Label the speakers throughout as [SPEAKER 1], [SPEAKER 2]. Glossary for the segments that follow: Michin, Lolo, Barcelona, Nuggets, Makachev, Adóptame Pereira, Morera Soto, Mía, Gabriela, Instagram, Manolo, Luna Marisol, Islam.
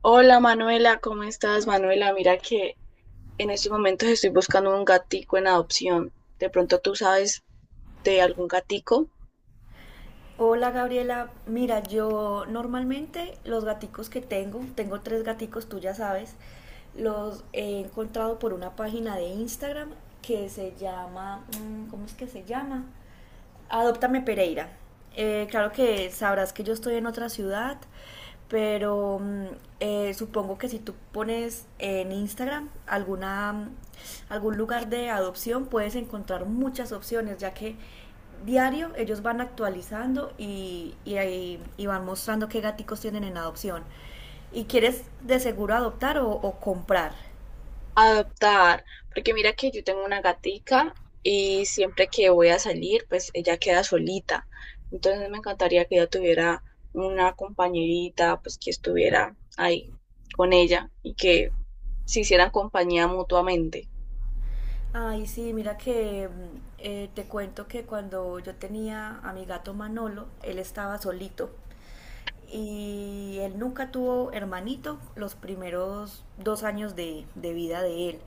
[SPEAKER 1] Hola Manuela, ¿cómo estás Manuela? Mira que en estos momentos estoy buscando un gatico en adopción. De pronto tú sabes de algún gatico
[SPEAKER 2] Hola Gabriela, mira, yo normalmente los gaticos que tengo, tengo tres gaticos, tú ya sabes, los he encontrado por una página de Instagram que se llama, ¿cómo es que se llama? Adóptame Pereira. Claro que sabrás que yo estoy en otra ciudad, pero supongo que si tú pones en Instagram alguna, algún lugar de adopción, puedes encontrar muchas opciones, ya que diario ellos van actualizando y van mostrando qué gaticos tienen en adopción. ¿Y quieres de seguro adoptar o comprar?
[SPEAKER 1] adoptar, porque mira que yo tengo una gatica y siempre que voy a salir, pues ella queda solita. Entonces me encantaría que ella tuviera una compañerita, pues que estuviera ahí con ella y que se hicieran compañía mutuamente.
[SPEAKER 2] Ay, sí, mira que te cuento que cuando yo tenía a mi gato Manolo, él estaba solito y él nunca tuvo hermanito los primeros 2 años de vida de él.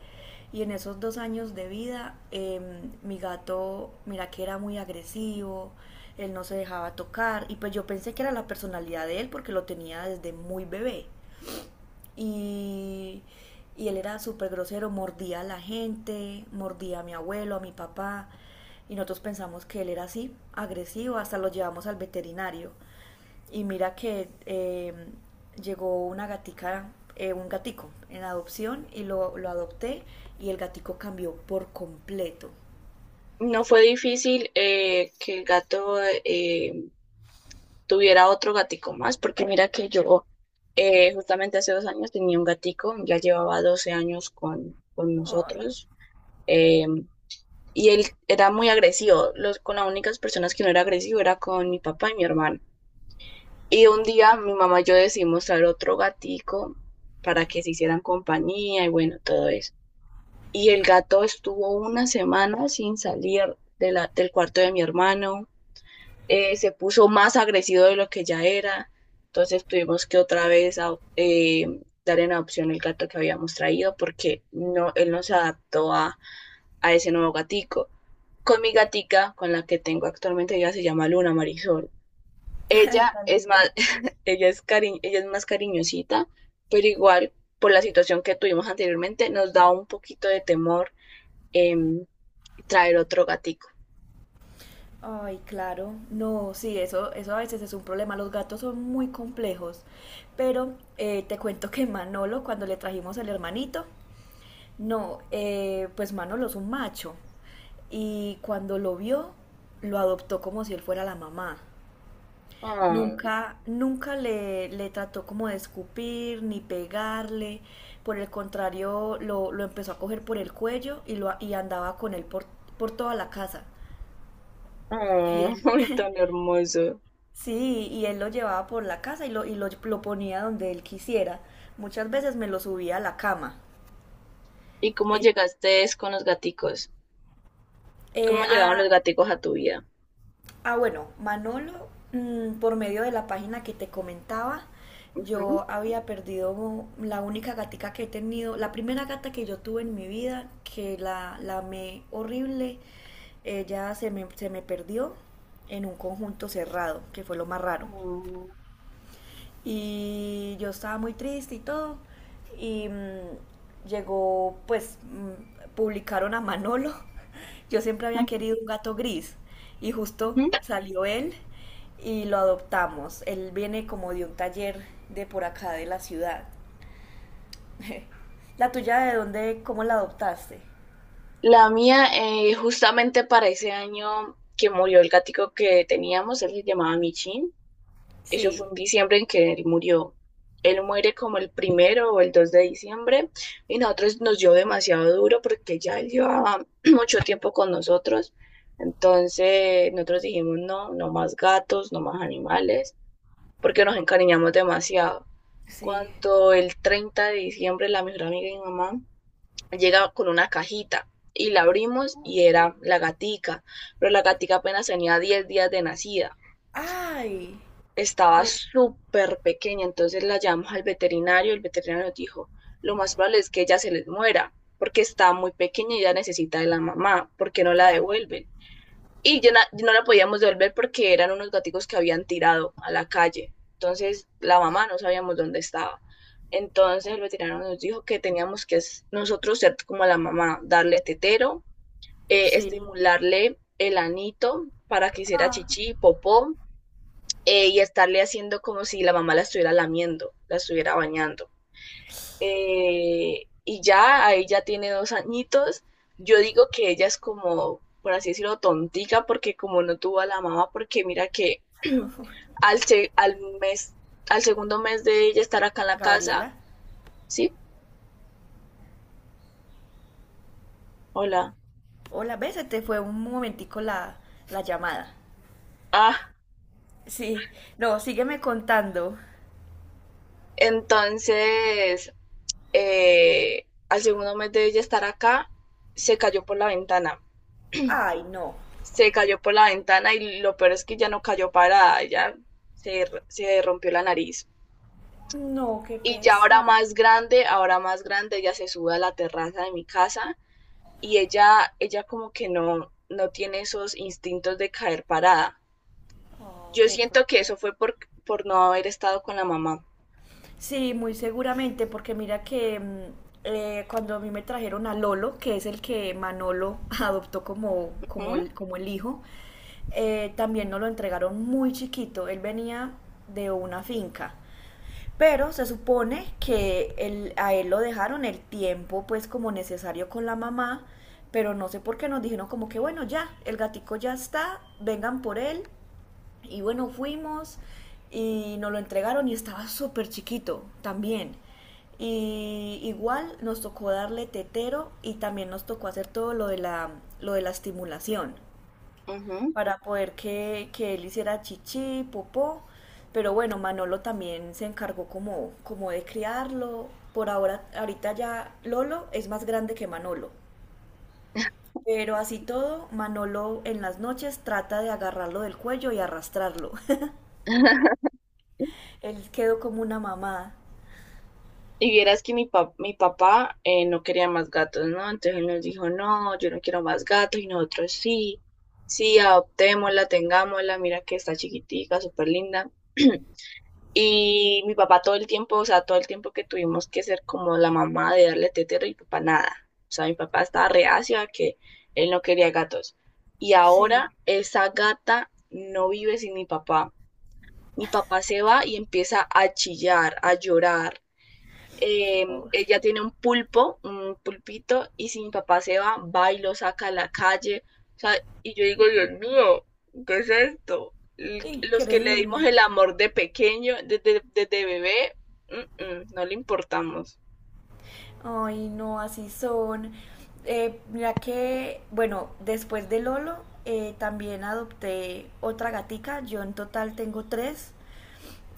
[SPEAKER 2] Y en esos 2 años de vida, mi gato, mira que era muy agresivo, él no se dejaba tocar y pues yo pensé que era la personalidad de él porque lo tenía desde muy bebé. Y, y él era súper grosero, mordía a la gente, mordía a mi abuelo, a mi papá. Y nosotros pensamos que él era así, agresivo, hasta lo llevamos al veterinario. Y mira que llegó una gatica, un gatico en adopción lo adopté y el gatico cambió por completo.
[SPEAKER 1] No fue difícil que el gato eh, tuviera otro gatico más, porque mira que yo justamente hace 2 años tenía un gatico, ya llevaba 12 años con
[SPEAKER 2] Oh,
[SPEAKER 1] nosotros, eh, y él era muy agresivo. Los, con las únicas personas que no era agresivo era con mi papá y mi hermano. Y un día mi mamá y yo decidimos traer otro gatico para que se hicieran compañía y bueno, todo eso. Y el gato estuvo una semana sin salir del cuarto de mi hermano, se puso más agresivo de lo que ya era. Entonces tuvimos que otra vez dar en adopción el gato que habíamos traído porque no, él no se adaptó a ese nuevo gatico. Con mi gatica, con la que tengo actualmente, ella se llama Luna Marisol.
[SPEAKER 2] ay,
[SPEAKER 1] Ella
[SPEAKER 2] tan
[SPEAKER 1] es
[SPEAKER 2] linda.
[SPEAKER 1] más, ella es más cariñosita, pero igual por la situación que tuvimos anteriormente nos da un poquito de temor em, traer otro gatico.
[SPEAKER 2] Ay, claro. No, sí, eso a veces es un problema. Los gatos son muy complejos. Pero te cuento que Manolo, cuando le trajimos el hermanito, no, pues Manolo es un macho. Y cuando lo vio, lo adoptó como si él fuera la mamá.
[SPEAKER 1] Oh,
[SPEAKER 2] Nunca le trató como de escupir ni pegarle. Por el contrario, lo empezó a coger por el cuello y andaba con él por toda la casa. Y
[SPEAKER 1] oh.
[SPEAKER 2] él,
[SPEAKER 1] Ay, tan hermoso.
[SPEAKER 2] Sí, y él lo llevaba por la casa lo ponía donde él quisiera. Muchas veces me lo subía a la cama.
[SPEAKER 1] ¿Y cómo
[SPEAKER 2] Eh,
[SPEAKER 1] llegaste es con los gaticos? ¿Cómo
[SPEAKER 2] eh,
[SPEAKER 1] llegaron
[SPEAKER 2] ah,
[SPEAKER 1] los gaticos a tu vida?
[SPEAKER 2] bueno, Manolo, por medio de la página que te comentaba,
[SPEAKER 1] Ujú.
[SPEAKER 2] yo había perdido la única gatica que he tenido, la primera gata que yo tuve en mi vida, que la amé horrible, se me perdió en un conjunto cerrado, que fue lo más raro.
[SPEAKER 1] Mm,
[SPEAKER 2] Y yo estaba muy triste y todo. Y llegó, pues, publicaron a Manolo. Yo siempre había
[SPEAKER 1] ujú,
[SPEAKER 2] querido un gato gris. Y justo
[SPEAKER 1] ujú.
[SPEAKER 2] salió él y lo adoptamos. Él viene como de un taller de por acá de la ciudad. ¿La tuya de dónde, cómo la adoptaste?
[SPEAKER 1] La mía, justamente para ese año que murió el gatico que teníamos, él se llamaba Michin. Eso fue
[SPEAKER 2] Sí,
[SPEAKER 1] en diciembre en que él murió. Él muere como el primero o el 2 de diciembre y nosotros nos dio demasiado duro porque ya él llevaba mucho tiempo con nosotros. Entonces nosotros dijimos, no, no más gatos, no más animales, porque nos encariñamos demasiado.
[SPEAKER 2] sí.
[SPEAKER 1] Cuando el 30 de diciembre la mejor amiga de mi mamá llega con una cajita y la abrimos y era la gatica, pero la gatica apenas tenía 10 días de nacida.
[SPEAKER 2] Ay,
[SPEAKER 1] Estaba
[SPEAKER 2] oh,
[SPEAKER 1] súper pequeña, entonces la llamamos al veterinario, el veterinario nos dijo, lo más probable es que ella se les muera porque está muy pequeña y ya necesita de la mamá, porque no la
[SPEAKER 2] claro.
[SPEAKER 1] devuelven y yo, no la podíamos devolver porque eran unos gaticos que habían tirado a la calle. Entonces la mamá no sabíamos dónde estaba. Entonces el veterinario nos dijo que teníamos que nosotros ser como la mamá, darle tetero,
[SPEAKER 2] Sí.
[SPEAKER 1] estimularle el anito para que hiciera
[SPEAKER 2] Ah,
[SPEAKER 1] chichi, popó, y estarle haciendo como si la mamá la estuviera lamiendo, la estuviera bañando, y ya, ahí ya tiene 2 añitos. Yo digo que ella es como, por así decirlo, tontica, porque como no tuvo a la mamá, porque mira que al mes, al segundo mes de ella estar acá en la casa.
[SPEAKER 2] Gabriela.
[SPEAKER 1] ¿Sí? Hola.
[SPEAKER 2] Hola, ¿ves? Se te fue un momentico la llamada.
[SPEAKER 1] Ah,
[SPEAKER 2] Sí, no, sígueme contando.
[SPEAKER 1] entonces, al segundo mes de ella estar acá, se cayó por la ventana.
[SPEAKER 2] Ay, no.
[SPEAKER 1] Se cayó por la ventana y lo peor es que ya no cayó parada, ya se rompió la nariz.
[SPEAKER 2] No, qué
[SPEAKER 1] Y ya
[SPEAKER 2] pesado.
[SPEAKER 1] ahora más grande, ella se sube a la terraza de mi casa y ella como que no, no tiene esos instintos de caer parada.
[SPEAKER 2] Oh,
[SPEAKER 1] Yo
[SPEAKER 2] qué
[SPEAKER 1] siento que
[SPEAKER 2] poco.
[SPEAKER 1] eso fue por no haber estado con la mamá.
[SPEAKER 2] Sí, muy seguramente, porque mira que cuando a mí me trajeron a Lolo, que es el que Manolo adoptó
[SPEAKER 1] Ujú,
[SPEAKER 2] como el hijo, también nos lo entregaron muy chiquito. Él venía de una finca. Pero se supone que a él lo dejaron el tiempo pues como necesario con la mamá, pero no sé por qué nos dijeron como que bueno, ya, el gatico ya está, vengan por él. Y bueno, fuimos y nos lo entregaron y estaba súper chiquito también. Y igual nos tocó darle tetero y también nos tocó hacer todo lo de lo de la estimulación
[SPEAKER 1] ujú.
[SPEAKER 2] para poder que él hiciera chichi, popó. Pero bueno, Manolo también se encargó como de criarlo. Por ahorita ya Lolo es más grande que Manolo. Pero así todo, Manolo en las noches trata de agarrarlo del cuello y arrastrarlo. Él quedó como una mamá.
[SPEAKER 1] Y vieras que mi papá no quería más gatos, ¿no? Entonces él nos dijo, no, yo no quiero más gatos y nosotros sí, sí, adoptémosla, tengámosla, mira que está chiquitica, súper linda. Y mi papá todo el tiempo, o sea, todo el tiempo que tuvimos que ser como la mamá de darle tetero y papá nada. O sea, mi papá estaba reacio a que él no quería gatos. Y
[SPEAKER 2] Sí,
[SPEAKER 1] ahora esa gata no vive sin mi papá. Mi papá se va y empieza a chillar, a llorar,
[SPEAKER 2] pobre.
[SPEAKER 1] ella tiene un pulpo, un pulpito, y si mi papá se va, va y lo saca a la calle. O sea, y yo digo, Dios mío, ¿qué es esto? Los que le
[SPEAKER 2] Increíble.
[SPEAKER 1] dimos el amor de pequeño, desde bebé, no le importamos.
[SPEAKER 2] Ay, no, así son. Mira que, bueno, después de Lolo, también adopté otra gatica. Yo en total tengo tres.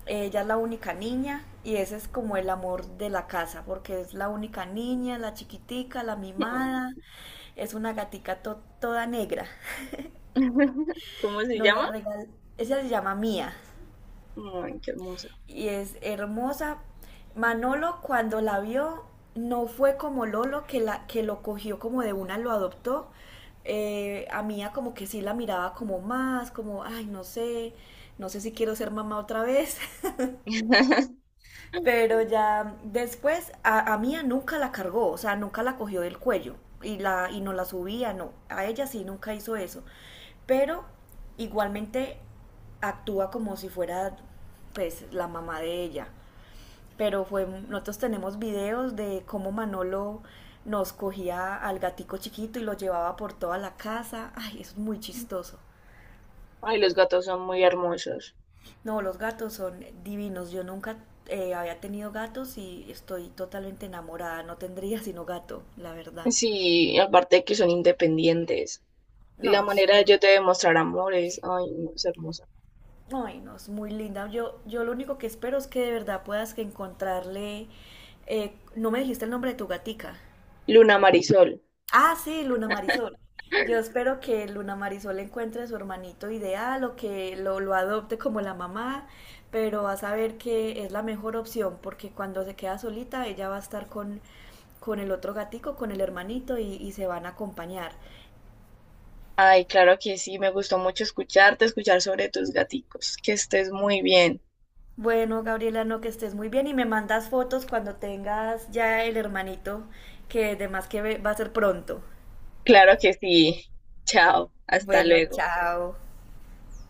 [SPEAKER 2] Ella es la única niña y ese es como el amor de la casa, porque es la única niña, la chiquitica, la
[SPEAKER 1] Ay.
[SPEAKER 2] mimada. Es una gatica toda negra.
[SPEAKER 1] ¿Cómo se
[SPEAKER 2] No la
[SPEAKER 1] llama?
[SPEAKER 2] regal... Ella se llama Mía.
[SPEAKER 1] Ay, qué hermosa.
[SPEAKER 2] Y es hermosa. Manolo cuando la vio no fue como Lolo que lo cogió como de una, lo adoptó. A Mía como que sí la miraba como más, como, ay, no sé, no sé si quiero ser mamá otra vez. Pero ya después a Mía nunca la cargó, o sea, nunca la cogió del cuello y no la subía, no. A ella sí nunca hizo eso. Pero igualmente actúa como si fuera pues la mamá de ella pero fue, nosotros tenemos videos de cómo Manolo nos cogía al gatico chiquito y lo llevaba por toda la casa. Ay, eso es muy chistoso.
[SPEAKER 1] Ay, los gatos son muy hermosos.
[SPEAKER 2] No, los gatos son divinos. Yo nunca había tenido gatos y estoy totalmente enamorada. No tendría sino gato, la verdad.
[SPEAKER 1] Sí, aparte de que son independientes. La
[SPEAKER 2] No,
[SPEAKER 1] manera de
[SPEAKER 2] so-
[SPEAKER 1] yo te demostrar amor es, ay, no, es hermosa.
[SPEAKER 2] ay, no, es muy linda. Yo lo único que espero es que de verdad puedas que encontrarle... no me dijiste el nombre de tu gatica.
[SPEAKER 1] Luna Marisol.
[SPEAKER 2] Ah, sí, Luna Marisol. Yo espero que Luna Marisol encuentre a su hermanito ideal lo adopte como la mamá, pero va a saber que es la mejor opción porque cuando se queda solita ella va a estar con el otro gatico, con el hermanito y se van a acompañar.
[SPEAKER 1] Ay, claro que sí, me gustó mucho escucharte, escuchar sobre tus gaticos. Que estés muy bien.
[SPEAKER 2] Bueno, Gabriela, no que estés muy bien y me mandas fotos cuando tengas ya el hermanito que además que va a ser pronto.
[SPEAKER 1] Claro que sí. Chao, hasta
[SPEAKER 2] Bueno,
[SPEAKER 1] luego.
[SPEAKER 2] chao.